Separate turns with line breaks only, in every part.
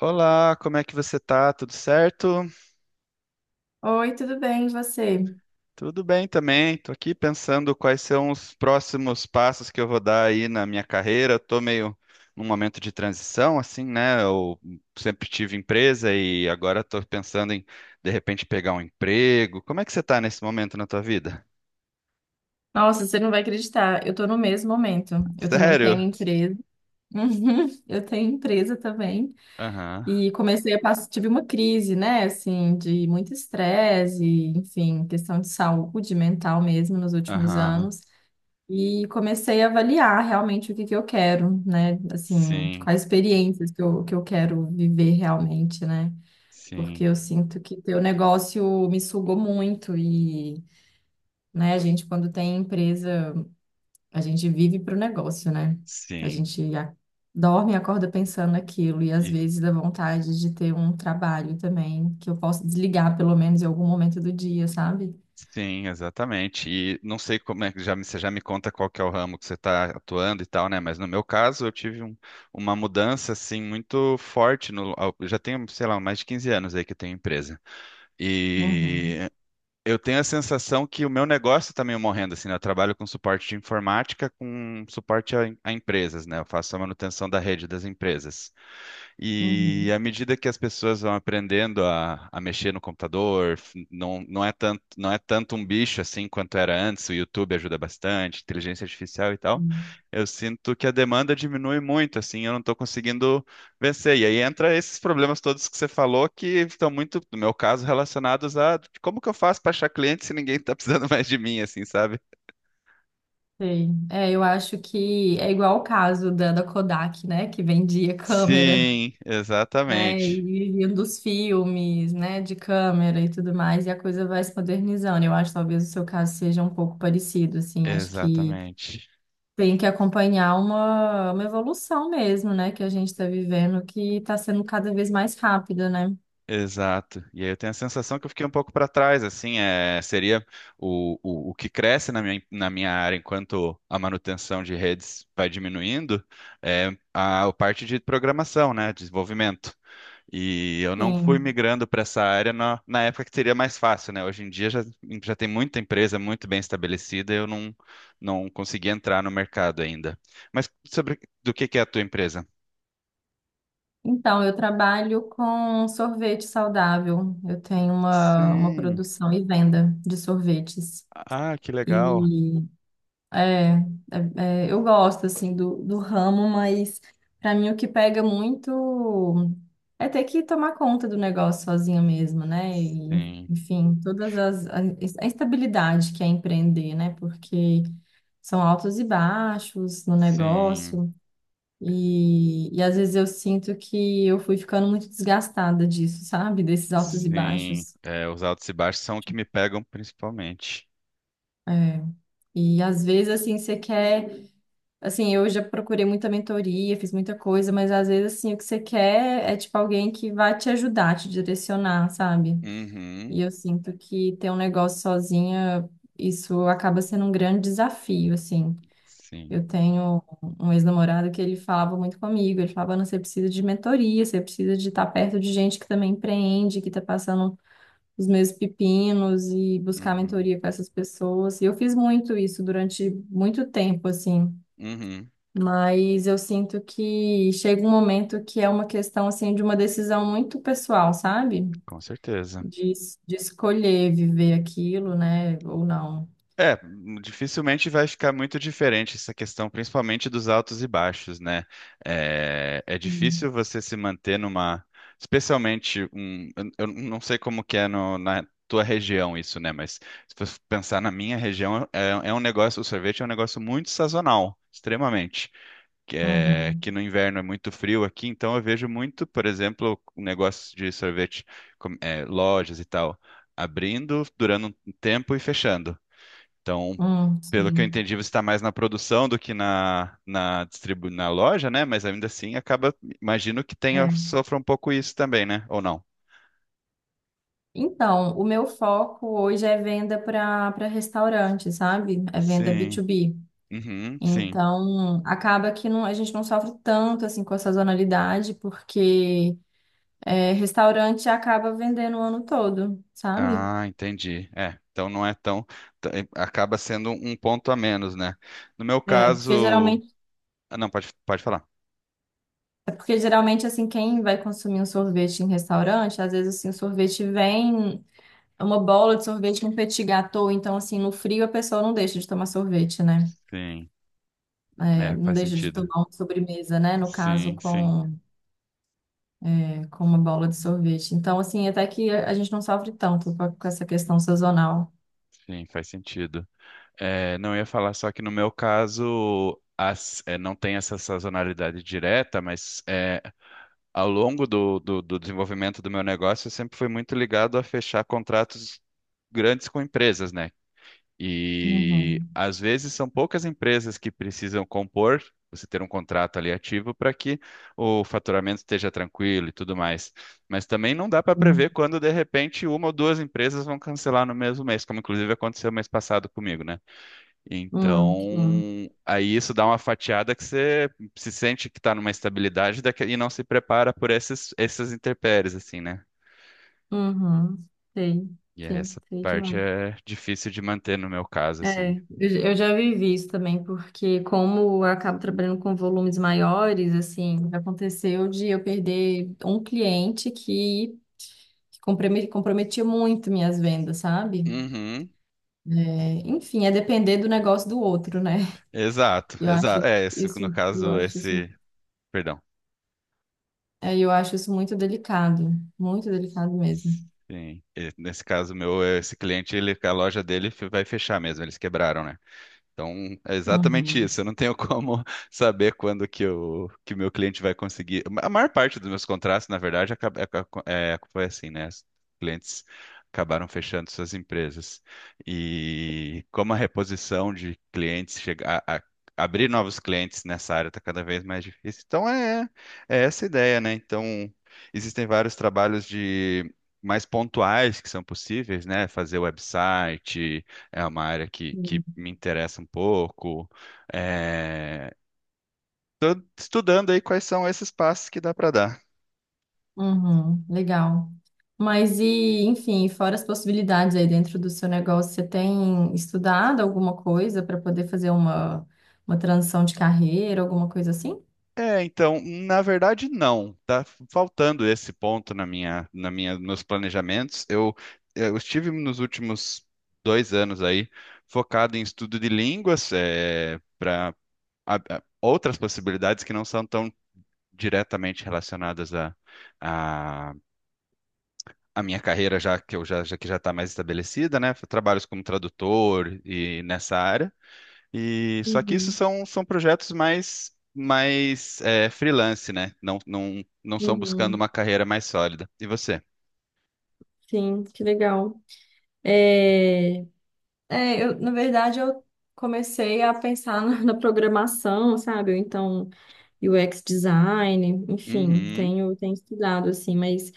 Olá, como é que você tá? Tudo certo?
Oi, tudo bem, e você?
Tudo bem também. Tô aqui pensando quais são os próximos passos que eu vou dar aí na minha carreira. Eu tô meio num momento de transição, assim, né? Eu sempre tive empresa e agora tô pensando em, de repente, pegar um emprego. Como é que você tá nesse momento na tua vida?
Nossa, você não vai acreditar, eu tô no mesmo momento. Eu também tenho
Sério?
empresa. Uhum, eu tenho empresa também.
Aham,
E comecei a passar, tive uma crise, né, assim, de muito estresse, e, enfim, questão de saúde mental mesmo nos últimos
aham.
anos. E comecei a avaliar realmente o que que eu quero, né, assim,
Sim,
quais experiências que eu quero viver realmente, né? Porque
sim,
eu sinto que teu negócio me sugou muito, né? A gente, quando tem empresa, a gente vive para o negócio, né? A
sim.
gente dorme e acorda pensando naquilo, e às vezes dá vontade de ter um trabalho também, que eu possa desligar pelo menos em algum momento do dia, sabe?
Sim, exatamente. E não sei como é que já, você já me conta qual que é o ramo que você está atuando e tal, né? Mas no meu caso, uma mudança assim muito forte no, ao- eu já tenho, sei lá, mais de 15 anos aí que eu tenho empresa.
Uhum,
E eu tenho a sensação que o meu negócio está meio morrendo assim, né? Eu trabalho com suporte de informática, com suporte a empresas, né? Eu faço a manutenção da rede das empresas. E
uhum,
à medida que as pessoas vão aprendendo a mexer no computador, não, não é tanto, não é tanto um bicho assim quanto era antes, o YouTube ajuda bastante, inteligência artificial e tal.
uhum.
Eu sinto que a demanda diminui muito, assim, eu não estou conseguindo vencer. E aí entra esses problemas todos que você falou que estão muito, no meu caso, relacionados a como que eu faço para achar cliente se ninguém está precisando mais de mim, assim, sabe?
Sei. É, eu acho que é igual o caso da Kodak, né? Que vendia câmera,
Sim,
né? E
exatamente.
viviam dos filmes, né? De câmera e tudo mais, e a coisa vai se modernizando. Eu acho que talvez o seu caso seja um pouco parecido, assim. Acho que
Exatamente.
tem que acompanhar uma evolução mesmo, né? Que a gente está vivendo, que está sendo cada vez mais rápida, né?
Exato. E aí eu tenho a sensação que eu fiquei um pouco para trás, assim, é, seria o que cresce na minha área enquanto a manutenção de redes vai diminuindo, é a parte de programação, né, desenvolvimento. E eu não fui
Sim.
migrando para essa área na época que seria mais fácil, né? Hoje em dia já, já tem muita empresa muito bem estabelecida, e eu não, não consegui entrar no mercado ainda. Mas sobre do que é a tua empresa?
Então, eu trabalho com sorvete saudável. Eu tenho uma
Sim.
produção e venda de sorvetes.
Ah, que legal.
e É, é- é, eu gosto assim do ramo, mas para mim o que pega muito é ter que tomar conta do negócio sozinha mesmo, né? E,
Sim.
enfim, todas a instabilidade que é empreender, né? Porque são altos e baixos no
Sim,
negócio e às vezes eu sinto que eu fui ficando muito desgastada disso, sabe? Desses altos e
sim.
baixos.
É, os altos e baixos são o que me pegam principalmente.
É. E às vezes assim você quer Assim, eu já procurei muita mentoria, fiz muita coisa, mas às vezes, assim, o que você quer é, tipo, alguém que vai te ajudar, te direcionar, sabe? E
Uhum,
eu sinto que ter um negócio sozinha, isso acaba sendo um grande desafio, assim.
sim.
Eu tenho um ex-namorado que ele falava muito comigo, ele falava, "Ana, você precisa de mentoria, você precisa de estar perto de gente que também empreende, que está passando os mesmos pepinos e buscar
Uhum,
mentoria com essas pessoas." E eu fiz muito isso durante muito tempo, assim.
uhum,
Mas eu sinto que chega um momento que é uma questão assim de uma decisão muito pessoal, sabe?
com certeza.
De, de escolher viver aquilo, né? Ou não.
É, dificilmente vai ficar muito diferente essa questão, principalmente dos altos e baixos, né? É, é
Hum.
difícil você se manter numa, especialmente um, eu não sei como que é na tua região isso, né? Mas se você pensar na minha região, é, é um negócio, o sorvete é um negócio muito sazonal, extremamente. Que, é, que
Uhum.
no inverno é muito frio aqui, então eu vejo muito, por exemplo, o negócio de sorvete, é, lojas e tal, abrindo, durando um tempo e fechando. Então, pelo que eu
Sim.
entendi, você está mais na produção do que na loja, né? Mas ainda assim, acaba, imagino que tenha,
É.
sofra um pouco isso também, né? Ou não?
Então, o meu foco hoje é venda para restaurante, sabe? É venda
Sim.
B2B.
Uhum, sim.
Então, acaba que não, a gente não sofre tanto assim com a sazonalidade, porque é, restaurante acaba vendendo o ano todo, sabe?
Ah, entendi. É, então não é tão. t- Acaba sendo um ponto a menos, né? No meu
É, porque
caso.
geralmente
Ah, não, pode, pode falar.
É porque geralmente, assim, quem vai consumir um sorvete em restaurante, às vezes, assim, o sorvete vem é uma bola de sorvete com petit gâteau, então, assim, no frio a pessoa não deixa de tomar sorvete, né?
Sim,
É,
é,
não
faz
deixa de tomar
sentido.
uma sobremesa, né? No caso,
Sim, sim,
com uma bola de sorvete. Então, assim, até que a gente não sofre tanto com essa questão sazonal.
sim, faz sentido. É, não, eu ia falar só que no meu caso as, é, não tem essa sazonalidade direta, mas é, ao longo do desenvolvimento do meu negócio eu sempre fui muito ligado a fechar contratos grandes com empresas, né? E
Uhum.
às vezes são poucas empresas que precisam compor, você ter um contrato ali ativo para que o faturamento esteja tranquilo e tudo mais. Mas também não dá para
Sim.
prever quando de repente uma ou duas empresas vão cancelar no mesmo mês, como inclusive aconteceu mês passado comigo, né?
Sim.
Então, aí isso dá uma fatiada que você se sente que está numa estabilidade e não se prepara por essas intempéries, assim, né?
Uhum. Sei.
E
Sim,
essa
sei
parte
demais.
é difícil de manter no meu caso,
É,
assim.
eu já vivi isso também, porque como eu acabo trabalhando com volumes maiores, assim, aconteceu de eu perder um cliente comprometia muito minhas vendas, sabe?
Uhum.
É, enfim, é depender do negócio do outro, né?
Exato,
Eu acho
exato. É, esse, no
isso, eu
caso,
acho isso,
esse. Perdão.
eu acho isso muito delicado mesmo.
Sim. Nesse caso, meu, esse cliente, ele, a loja dele vai fechar mesmo. Eles quebraram, né? Então, é exatamente
Uhum.
isso. Eu não tenho como saber quando que o meu cliente vai conseguir. A maior parte dos meus contratos, na verdade, foi assim, né? Os clientes acabaram fechando suas empresas. E como a reposição de clientes abrir novos clientes nessa área está cada vez mais difícil. Então, é, é essa a ideia, né? Então, existem vários trabalhos de mais pontuais que são possíveis, né? Fazer website é uma área que me interessa um pouco. É, estudando aí quais são esses passos que dá para dar.
Uhum, legal. Mas e, enfim, fora as possibilidades aí dentro do seu negócio, você tem estudado alguma coisa para poder fazer uma transição de carreira, alguma coisa assim?
É, então, na verdade, não. Tá faltando esse ponto nos planejamentos. Eu estive nos últimos 2 anos aí focado em estudo de línguas, é, para outras possibilidades que não são tão diretamente relacionadas a a minha carreira já que eu já, já que já está mais estabelecida, né? Trabalhos como tradutor e nessa área. E só que isso
Uhum,
são, são projetos mais é, freelance, né? Não são buscando
uhum.
uma carreira mais sólida. E você?
Sim, que legal. É, eu, na verdade, eu comecei a pensar na programação, sabe? Ou então, UX design, enfim,
Uhum.
tenho estudado, assim, mas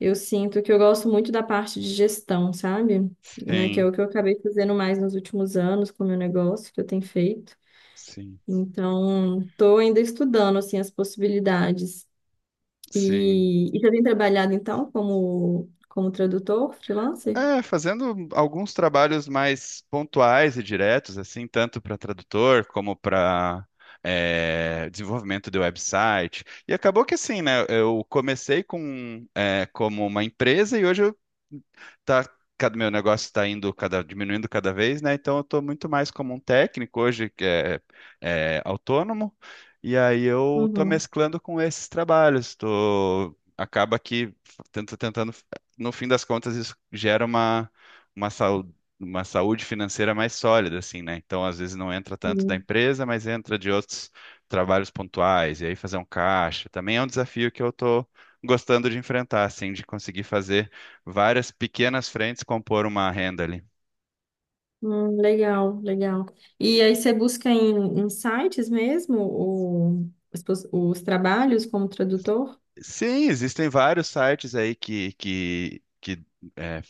eu sinto que eu gosto muito da parte de gestão, sabe? Né, que é
Sim,
o que eu acabei fazendo mais nos últimos anos com o meu negócio que eu tenho feito.
sim,
Então, estou ainda estudando assim as possibilidades.
sim.
E já tem trabalhado então como tradutor freelancer?
É, fazendo alguns trabalhos mais pontuais e diretos, assim, tanto para tradutor como para desenvolvimento de website. E acabou que assim, né? Eu comecei com é, como uma empresa e hoje tá, cada meu negócio está indo cada diminuindo cada vez, né? Então eu estou muito mais como um técnico hoje que é, é autônomo e aí eu estou
Uhum.
mesclando com esses trabalhos. Tô, acaba que tento tentando no fim das contas isso gera uma uma saúde uma saúde financeira mais sólida assim, né? Então às vezes não entra tanto da
Sim.
empresa, mas entra de outros trabalhos pontuais e aí fazer um caixa também é um desafio que eu estou gostando de enfrentar, assim, de conseguir fazer várias pequenas frentes compor uma renda ali.
Legal, legal. E aí você busca em sites mesmo os trabalhos como tradutor?
Sim, existem vários sites aí que é,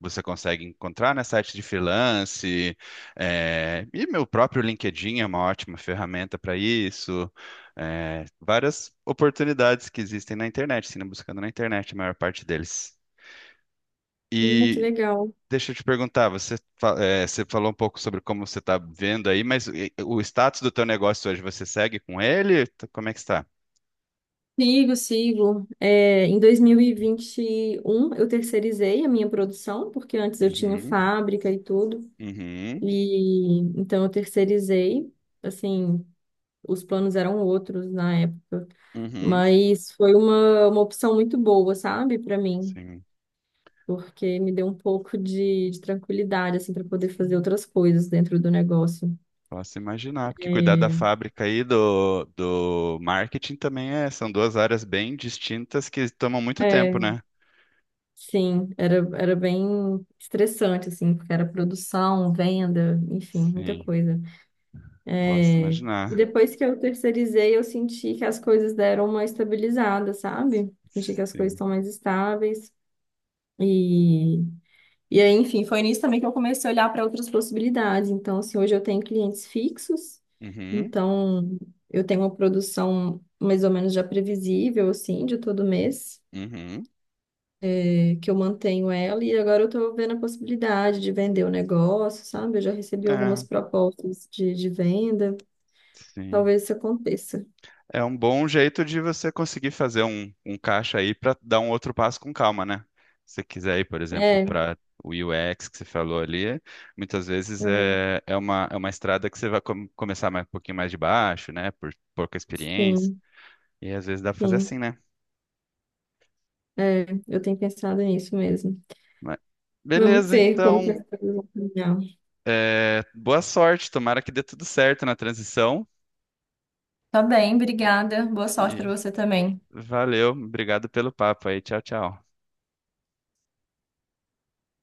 você consegue encontrar, né? Sites de freelance, é, e meu próprio LinkedIn é uma ótima ferramenta para isso. É, várias oportunidades que existem na internet, sim, buscando na internet a maior parte deles.
Que
E
legal.
deixa eu te perguntar, você, é, você falou um pouco sobre como você está vendo aí, mas o status do teu negócio hoje, você segue com ele? Como é que está?
Sigo, sigo. É, em dois mil e vinte e um eu terceirizei a minha produção, porque antes eu tinha
Uhum.
fábrica e tudo,
Uhum,
e então eu terceirizei. Assim, os planos eram outros na época,
uhum,
mas foi uma opção muito boa, sabe, para mim,
sim.
porque me deu um pouco de tranquilidade, assim, para poder fazer outras coisas dentro do negócio.
Posso imaginar, porque cuidar da fábrica e do marketing também é, são duas áreas bem distintas que tomam muito
É,
tempo, né?
sim, era bem estressante, assim, porque era produção, venda, enfim, muita
Sim,
coisa.
posso
E
imaginar.
depois que eu terceirizei, eu senti que as coisas deram uma estabilizada, sabe? Senti que as coisas
Sim.
estão mais estáveis. E, e aí, enfim, foi nisso também que eu comecei a olhar para outras possibilidades. Então, assim, hoje eu tenho clientes fixos,
Uhum,
então eu tenho uma produção mais ou menos já previsível, assim, de todo mês,
uhum,
que eu mantenho ela, e agora eu estou vendo a possibilidade de vender o negócio, sabe? Eu já recebi algumas
é,
propostas de venda,
sim.
talvez isso aconteça.
É um bom jeito de você conseguir fazer um caixa aí para dar um outro passo com calma, né? Se você quiser ir, por exemplo,
É.
para o UX que você falou ali, muitas vezes
É.
é, é uma estrada que você vai começar mais, um pouquinho mais de baixo, né? Por pouca experiência.
Sim,
E às vezes dá para fazer assim,
sim.
né?
É, eu tenho pensado nisso mesmo.
Mas
Vamos
beleza,
ver como que
então.
as coisas vão caminhar.
É, boa sorte. Tomara que dê tudo certo na transição.
Tá bem, obrigada. Boa sorte
E
pra você também.
valeu. Obrigado pelo papo aí. Tchau, tchau.